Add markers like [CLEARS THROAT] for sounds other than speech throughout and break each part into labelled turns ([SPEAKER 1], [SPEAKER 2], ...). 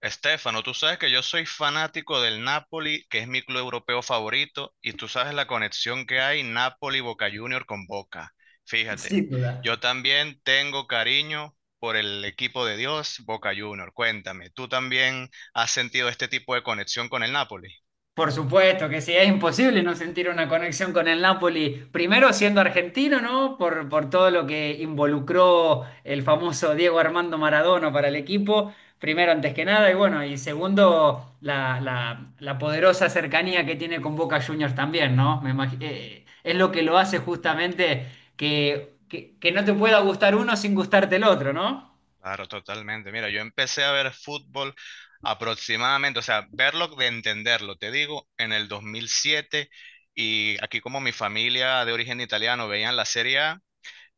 [SPEAKER 1] Estefano, tú sabes que yo soy fanático del Napoli, que es mi club europeo favorito, y tú sabes la conexión que hay Napoli-Boca Junior con Boca. Fíjate,
[SPEAKER 2] Sin
[SPEAKER 1] yo
[SPEAKER 2] duda.
[SPEAKER 1] también tengo cariño por el equipo de Dios, Boca Junior. Cuéntame, ¿tú también has sentido este tipo de conexión con el Napoli?
[SPEAKER 2] Por supuesto que sí, es imposible no sentir una conexión con el Napoli, primero siendo argentino, ¿no? Por todo lo que involucró el famoso Diego Armando Maradona para el equipo, primero antes que nada, y bueno, y segundo, la poderosa cercanía que tiene con Boca Juniors también, ¿no? Es lo que lo hace justamente que no te pueda gustar uno sin gustarte el otro, ¿no?
[SPEAKER 1] Claro, totalmente. Mira, yo empecé a ver fútbol aproximadamente, o sea, verlo de entenderlo, te digo, en el 2007. Y aquí como mi familia de origen italiano veían la Serie A,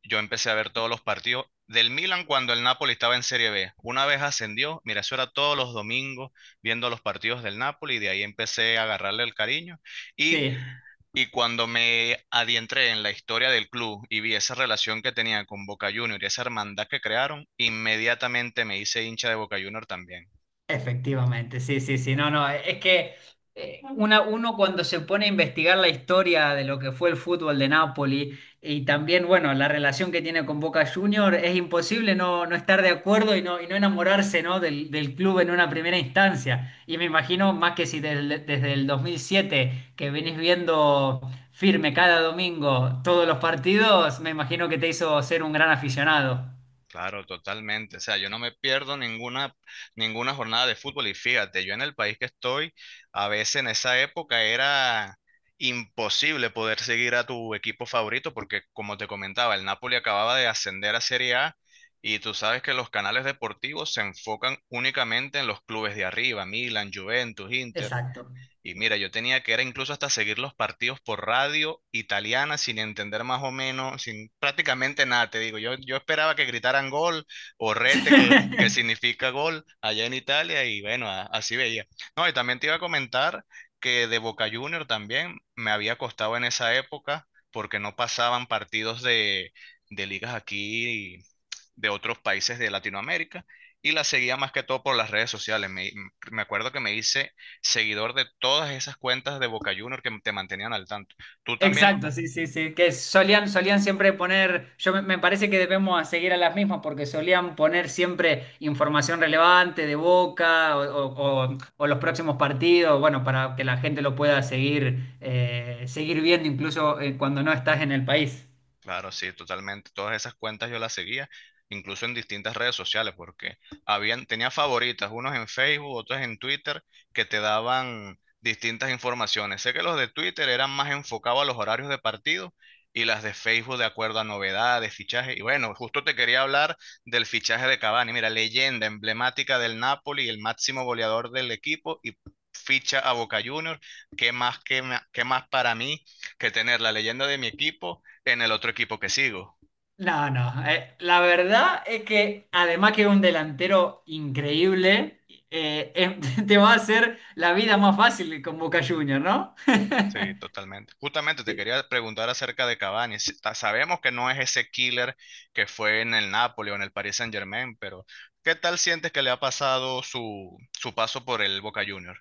[SPEAKER 1] yo empecé a ver todos los partidos del Milan cuando el Napoli estaba en Serie B. Una vez ascendió, mira, eso era todos los domingos viendo los partidos del Napoli y de ahí empecé a agarrarle el cariño. Y,
[SPEAKER 2] Sí.
[SPEAKER 1] y cuando me adentré en la historia del club y vi esa relación que tenía con Boca Juniors y esa hermandad que crearon, inmediatamente me hice hincha de Boca Juniors también.
[SPEAKER 2] Efectivamente, sí, sí, sí, no, no, es que uno cuando se pone a investigar la historia de lo que fue el fútbol de Napoli y también, bueno, la relación que tiene con Boca Juniors, es imposible no estar de acuerdo y no enamorarse, ¿no? del club en una primera instancia. Y me imagino, más que si desde el 2007 que venís viendo firme cada domingo todos los partidos, me imagino que te hizo ser un gran aficionado.
[SPEAKER 1] Claro, totalmente. O sea, yo no me pierdo ninguna jornada de fútbol. Y fíjate, yo en el país que estoy, a veces en esa época era imposible poder seguir a tu equipo favorito porque, como te comentaba, el Napoli acababa de ascender a Serie A y tú sabes que los canales deportivos se enfocan únicamente en los clubes de arriba, Milan, Juventus, Inter.
[SPEAKER 2] Exacto.
[SPEAKER 1] Y mira, yo tenía que era incluso hasta seguir los partidos por radio italiana sin entender más o menos, sin prácticamente nada, te digo. Yo esperaba que gritaran gol o rete, que
[SPEAKER 2] [LAUGHS]
[SPEAKER 1] significa gol allá en Italia, y bueno, así veía. No, y también te iba a comentar que de Boca Junior también me había costado en esa época porque no pasaban partidos de ligas aquí de otros países de Latinoamérica y la seguía más que todo por las redes sociales. Me acuerdo que me hice seguidor de todas esas cuentas de Boca Junior que te mantenían al tanto. Tú también.
[SPEAKER 2] Exacto, sí, sí, sí. Que solían siempre poner, yo me parece que debemos a seguir a las mismas porque solían poner siempre información relevante de Boca o o los próximos partidos, bueno, para que la gente lo pueda seguir, seguir viendo incluso cuando no estás en el país.
[SPEAKER 1] Claro, sí, totalmente. Todas esas cuentas yo las seguía, incluso en distintas redes sociales, porque habían, tenía favoritas, unos en Facebook, otros en Twitter, que te daban distintas informaciones. Sé que los de Twitter eran más enfocados a los horarios de partido y las de Facebook de acuerdo a novedades, fichajes. Y bueno, justo te quería hablar del fichaje de Cavani. Mira, leyenda emblemática del Napoli, el máximo goleador del equipo y ficha a Boca Juniors. ¿Qué más, qué más, qué más para mí que tener la leyenda de mi equipo? En el otro equipo que sigo.
[SPEAKER 2] No, no. La verdad es que además que es un delantero increíble, eh, eh, [LAUGHS] te va a hacer la vida más fácil con Boca Juniors, ¿no?
[SPEAKER 1] Sí, totalmente. Justamente te quería preguntar acerca de Cavani. Sabemos que no es ese killer que fue en el Napoli o en el Paris Saint-Germain, pero ¿qué tal sientes que le ha pasado su paso por el Boca Juniors?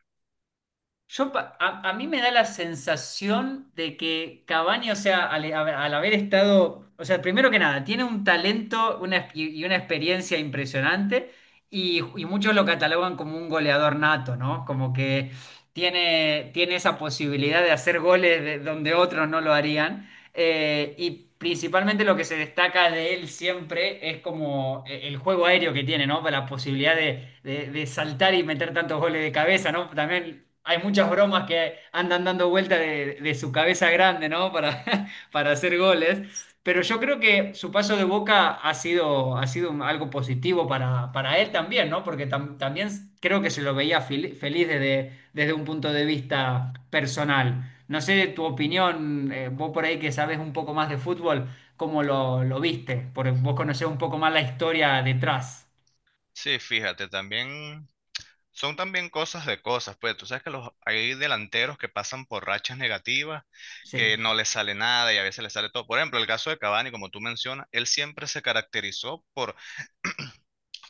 [SPEAKER 2] Yo, a mí me da la sensación de que Cavani, o sea, al haber estado, o sea, primero que nada, tiene un talento y una experiencia impresionante y muchos lo catalogan como un goleador nato, ¿no? Como que tiene esa posibilidad de hacer goles donde otros no lo harían. Y principalmente lo que se destaca de él siempre es como el juego aéreo que tiene, ¿no? La posibilidad de saltar y meter tantos goles de cabeza, ¿no? También hay muchas bromas que andan dando vuelta de su cabeza grande, ¿no? Para, [LAUGHS] para hacer goles. Pero yo creo que su paso de Boca ha sido algo positivo para él también, ¿no? Porque también creo que se lo veía feliz desde un punto de vista personal. No sé tu opinión, vos por ahí que sabes un poco más de fútbol, ¿cómo lo viste? Porque vos conocés un poco más la historia detrás.
[SPEAKER 1] Sí, fíjate, también son también cosas de cosas, pues tú sabes que los, hay delanteros que pasan por rachas negativas, que
[SPEAKER 2] Sí,
[SPEAKER 1] no les sale nada y a veces les sale todo. Por ejemplo, el caso de Cavani, como tú mencionas, él siempre se caracterizó por [CLEARS THROAT]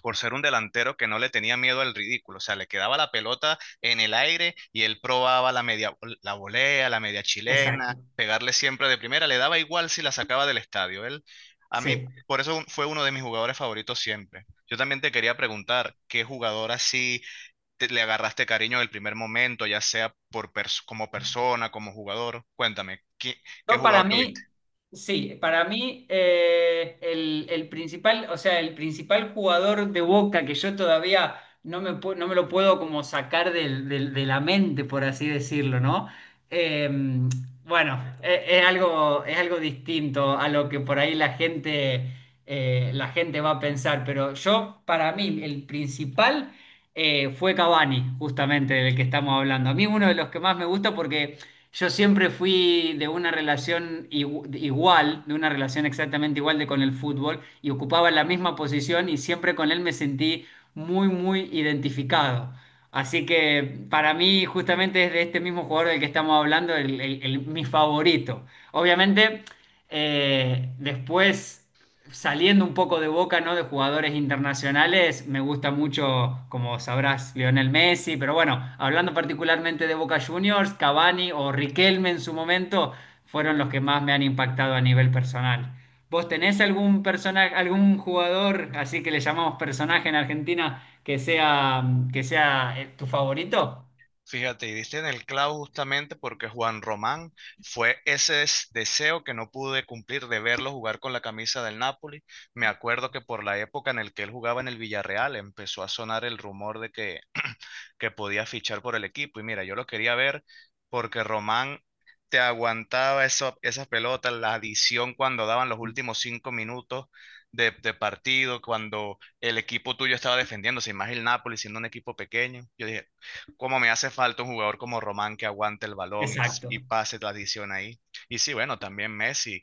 [SPEAKER 1] por ser un delantero que no le tenía miedo al ridículo. O sea, le quedaba la pelota en el aire y él probaba la media, la volea, la media chilena,
[SPEAKER 2] exacto.
[SPEAKER 1] pegarle siempre de primera, le daba igual si la sacaba del estadio. Él, a mí,
[SPEAKER 2] Sí.
[SPEAKER 1] por eso fue uno de mis jugadores favoritos siempre. Yo también te quería preguntar, ¿qué jugador así le agarraste cariño del primer momento, ya sea como persona, como jugador? Cuéntame, ¿qué
[SPEAKER 2] No, para
[SPEAKER 1] jugador tuviste?
[SPEAKER 2] mí, sí, para mí el principal, o sea, el principal jugador de Boca que yo todavía no me lo puedo como sacar de la mente, por así decirlo, ¿no? Eh, es algo distinto a lo que por ahí la gente va a pensar, pero yo, para mí, el principal fue Cavani, justamente del que estamos hablando. A mí uno de los que más me gusta porque... Yo siempre fui de una relación igual, de una relación exactamente igual de con el fútbol y ocupaba la misma posición y siempre con él me sentí muy, muy identificado. Así que para mí justamente es de este mismo jugador del que estamos hablando, mi favorito. Obviamente, después... Saliendo un poco de Boca, ¿no? De jugadores internacionales, me gusta mucho, como sabrás, Lionel Messi, pero bueno, hablando particularmente de Boca Juniors, Cavani o Riquelme en su momento fueron los que más me han impactado a nivel personal. ¿Vos tenés algún personaje, algún jugador, así que le llamamos personaje en Argentina, que sea tu favorito?
[SPEAKER 1] Fíjate, y diste en el clavo justamente porque Juan Román fue ese deseo que no pude cumplir de verlo jugar con la camisa del Napoli. Me acuerdo que por la época en el que él jugaba en el Villarreal empezó a sonar el rumor de que podía fichar por el equipo. Y mira, yo lo quería ver porque Román te aguantaba eso, esas pelotas, la adición cuando daban los últimos 5 minutos de partido, cuando el equipo tuyo estaba defendiéndose, y más el Napoli siendo un equipo pequeño. Yo dije, ¿cómo me hace falta un jugador como Román que aguante el balón y
[SPEAKER 2] Exacto.
[SPEAKER 1] pase la adición ahí? Y sí, bueno, también Messi.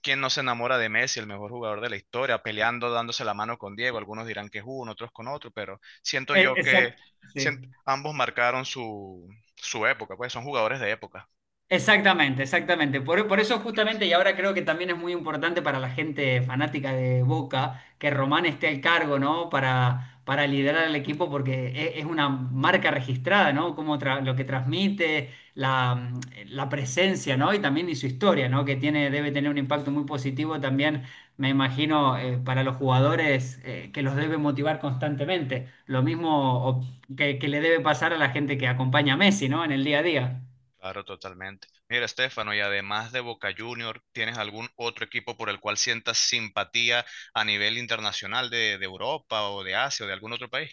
[SPEAKER 1] ¿Quién no se enamora de Messi, el mejor jugador de la historia, peleando, dándose la mano con Diego? Algunos dirán que es uno, otros con otro, pero siento yo que
[SPEAKER 2] Exacto.
[SPEAKER 1] sien-
[SPEAKER 2] sí.
[SPEAKER 1] ambos marcaron su época, pues son jugadores de época.
[SPEAKER 2] Exactamente, exactamente. Por eso justamente, y ahora creo que también es muy importante para la gente fanática de Boca, que Román esté al cargo, ¿no? Para liderar el equipo, porque es una marca registrada, ¿no? Como lo que transmite, la presencia, ¿no? Y también y su historia, ¿no? Que tiene, debe tener un impacto muy positivo también, me imagino, para los jugadores, que los debe motivar constantemente. Lo mismo que le debe pasar a la gente que acompaña a Messi, ¿no? En el día a día.
[SPEAKER 1] Claro, totalmente. Mira, Estefano, y además de Boca Junior, ¿tienes algún otro equipo por el cual sientas simpatía a nivel internacional de Europa o de Asia o de algún otro país?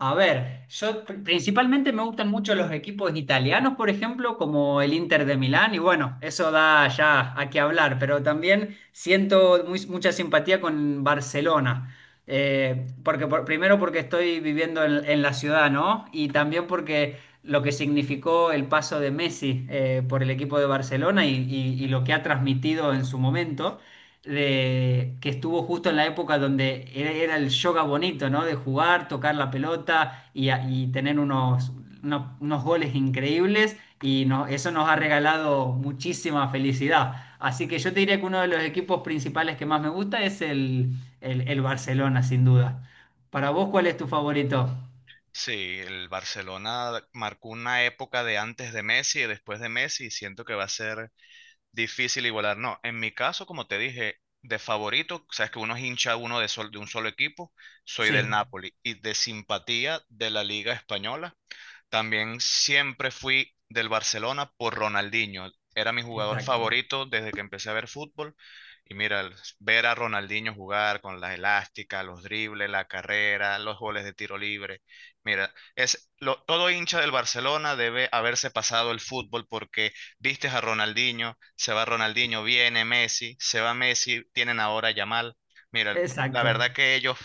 [SPEAKER 2] A ver, yo principalmente me gustan mucho los equipos italianos, por ejemplo, como el Inter de Milán, y bueno, eso da ya a qué hablar, pero también siento mucha simpatía con Barcelona, primero porque estoy viviendo en la ciudad, ¿no? Y también porque lo que significó el paso de Messi por el equipo de Barcelona y, y lo que ha transmitido en su momento que estuvo justo en la época donde era el yoga bonito, ¿no? De jugar, tocar la pelota y, y tener unos goles increíbles y eso nos ha regalado muchísima felicidad. Así que yo te diría que uno de los equipos principales que más me gusta es el Barcelona, sin duda. Para vos, ¿cuál es tu favorito?
[SPEAKER 1] Sí, el Barcelona marcó una época de antes de Messi y después de Messi, y siento que va a ser difícil igualar, no. En mi caso, como te dije, de favorito, sabes que uno es hincha uno de, de un solo equipo, soy del
[SPEAKER 2] Sí,
[SPEAKER 1] Napoli y de simpatía de la Liga Española, también siempre fui del Barcelona por Ronaldinho. Era mi jugador
[SPEAKER 2] Exacto.
[SPEAKER 1] favorito desde que empecé a ver fútbol. Y mira, ver a Ronaldinho jugar con las elásticas, los dribles, la carrera, los goles de tiro libre. Mira, todo hincha del Barcelona debe haberse pasado el fútbol porque vistes a Ronaldinho, se va Ronaldinho, viene Messi, se va Messi, tienen ahora a Yamal. Mira, la
[SPEAKER 2] exacto.
[SPEAKER 1] verdad que ellos,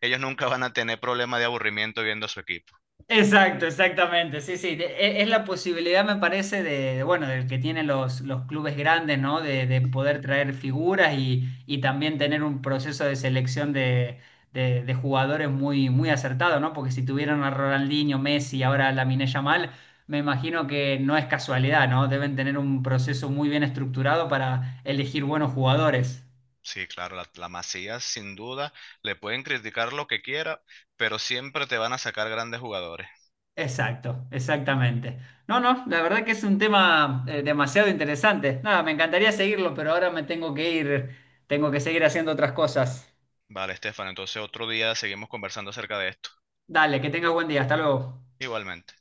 [SPEAKER 1] ellos nunca van a tener problema de aburrimiento viendo a su equipo.
[SPEAKER 2] Exacto, exactamente. Sí, sí. Es la posibilidad, me parece, de, bueno, del que tienen los clubes grandes, ¿no? De poder traer figuras y también tener un proceso de selección de jugadores muy, muy acertado, ¿no? Porque si tuvieron a Ronaldinho, Messi y ahora a Lamine Yamal, me imagino que no es casualidad, ¿no? Deben tener un proceso muy bien estructurado para elegir buenos jugadores.
[SPEAKER 1] Sí, claro, la Masía sin duda, le pueden criticar lo que quiera, pero siempre te van a sacar grandes jugadores.
[SPEAKER 2] Exacto, exactamente. No, no, la verdad que es un tema demasiado interesante. Nada, me encantaría seguirlo, pero ahora me tengo que ir, tengo que seguir haciendo otras cosas.
[SPEAKER 1] Vale, Estefan, entonces otro día seguimos conversando acerca de esto.
[SPEAKER 2] Dale, que tengas buen día, hasta luego.
[SPEAKER 1] Igualmente.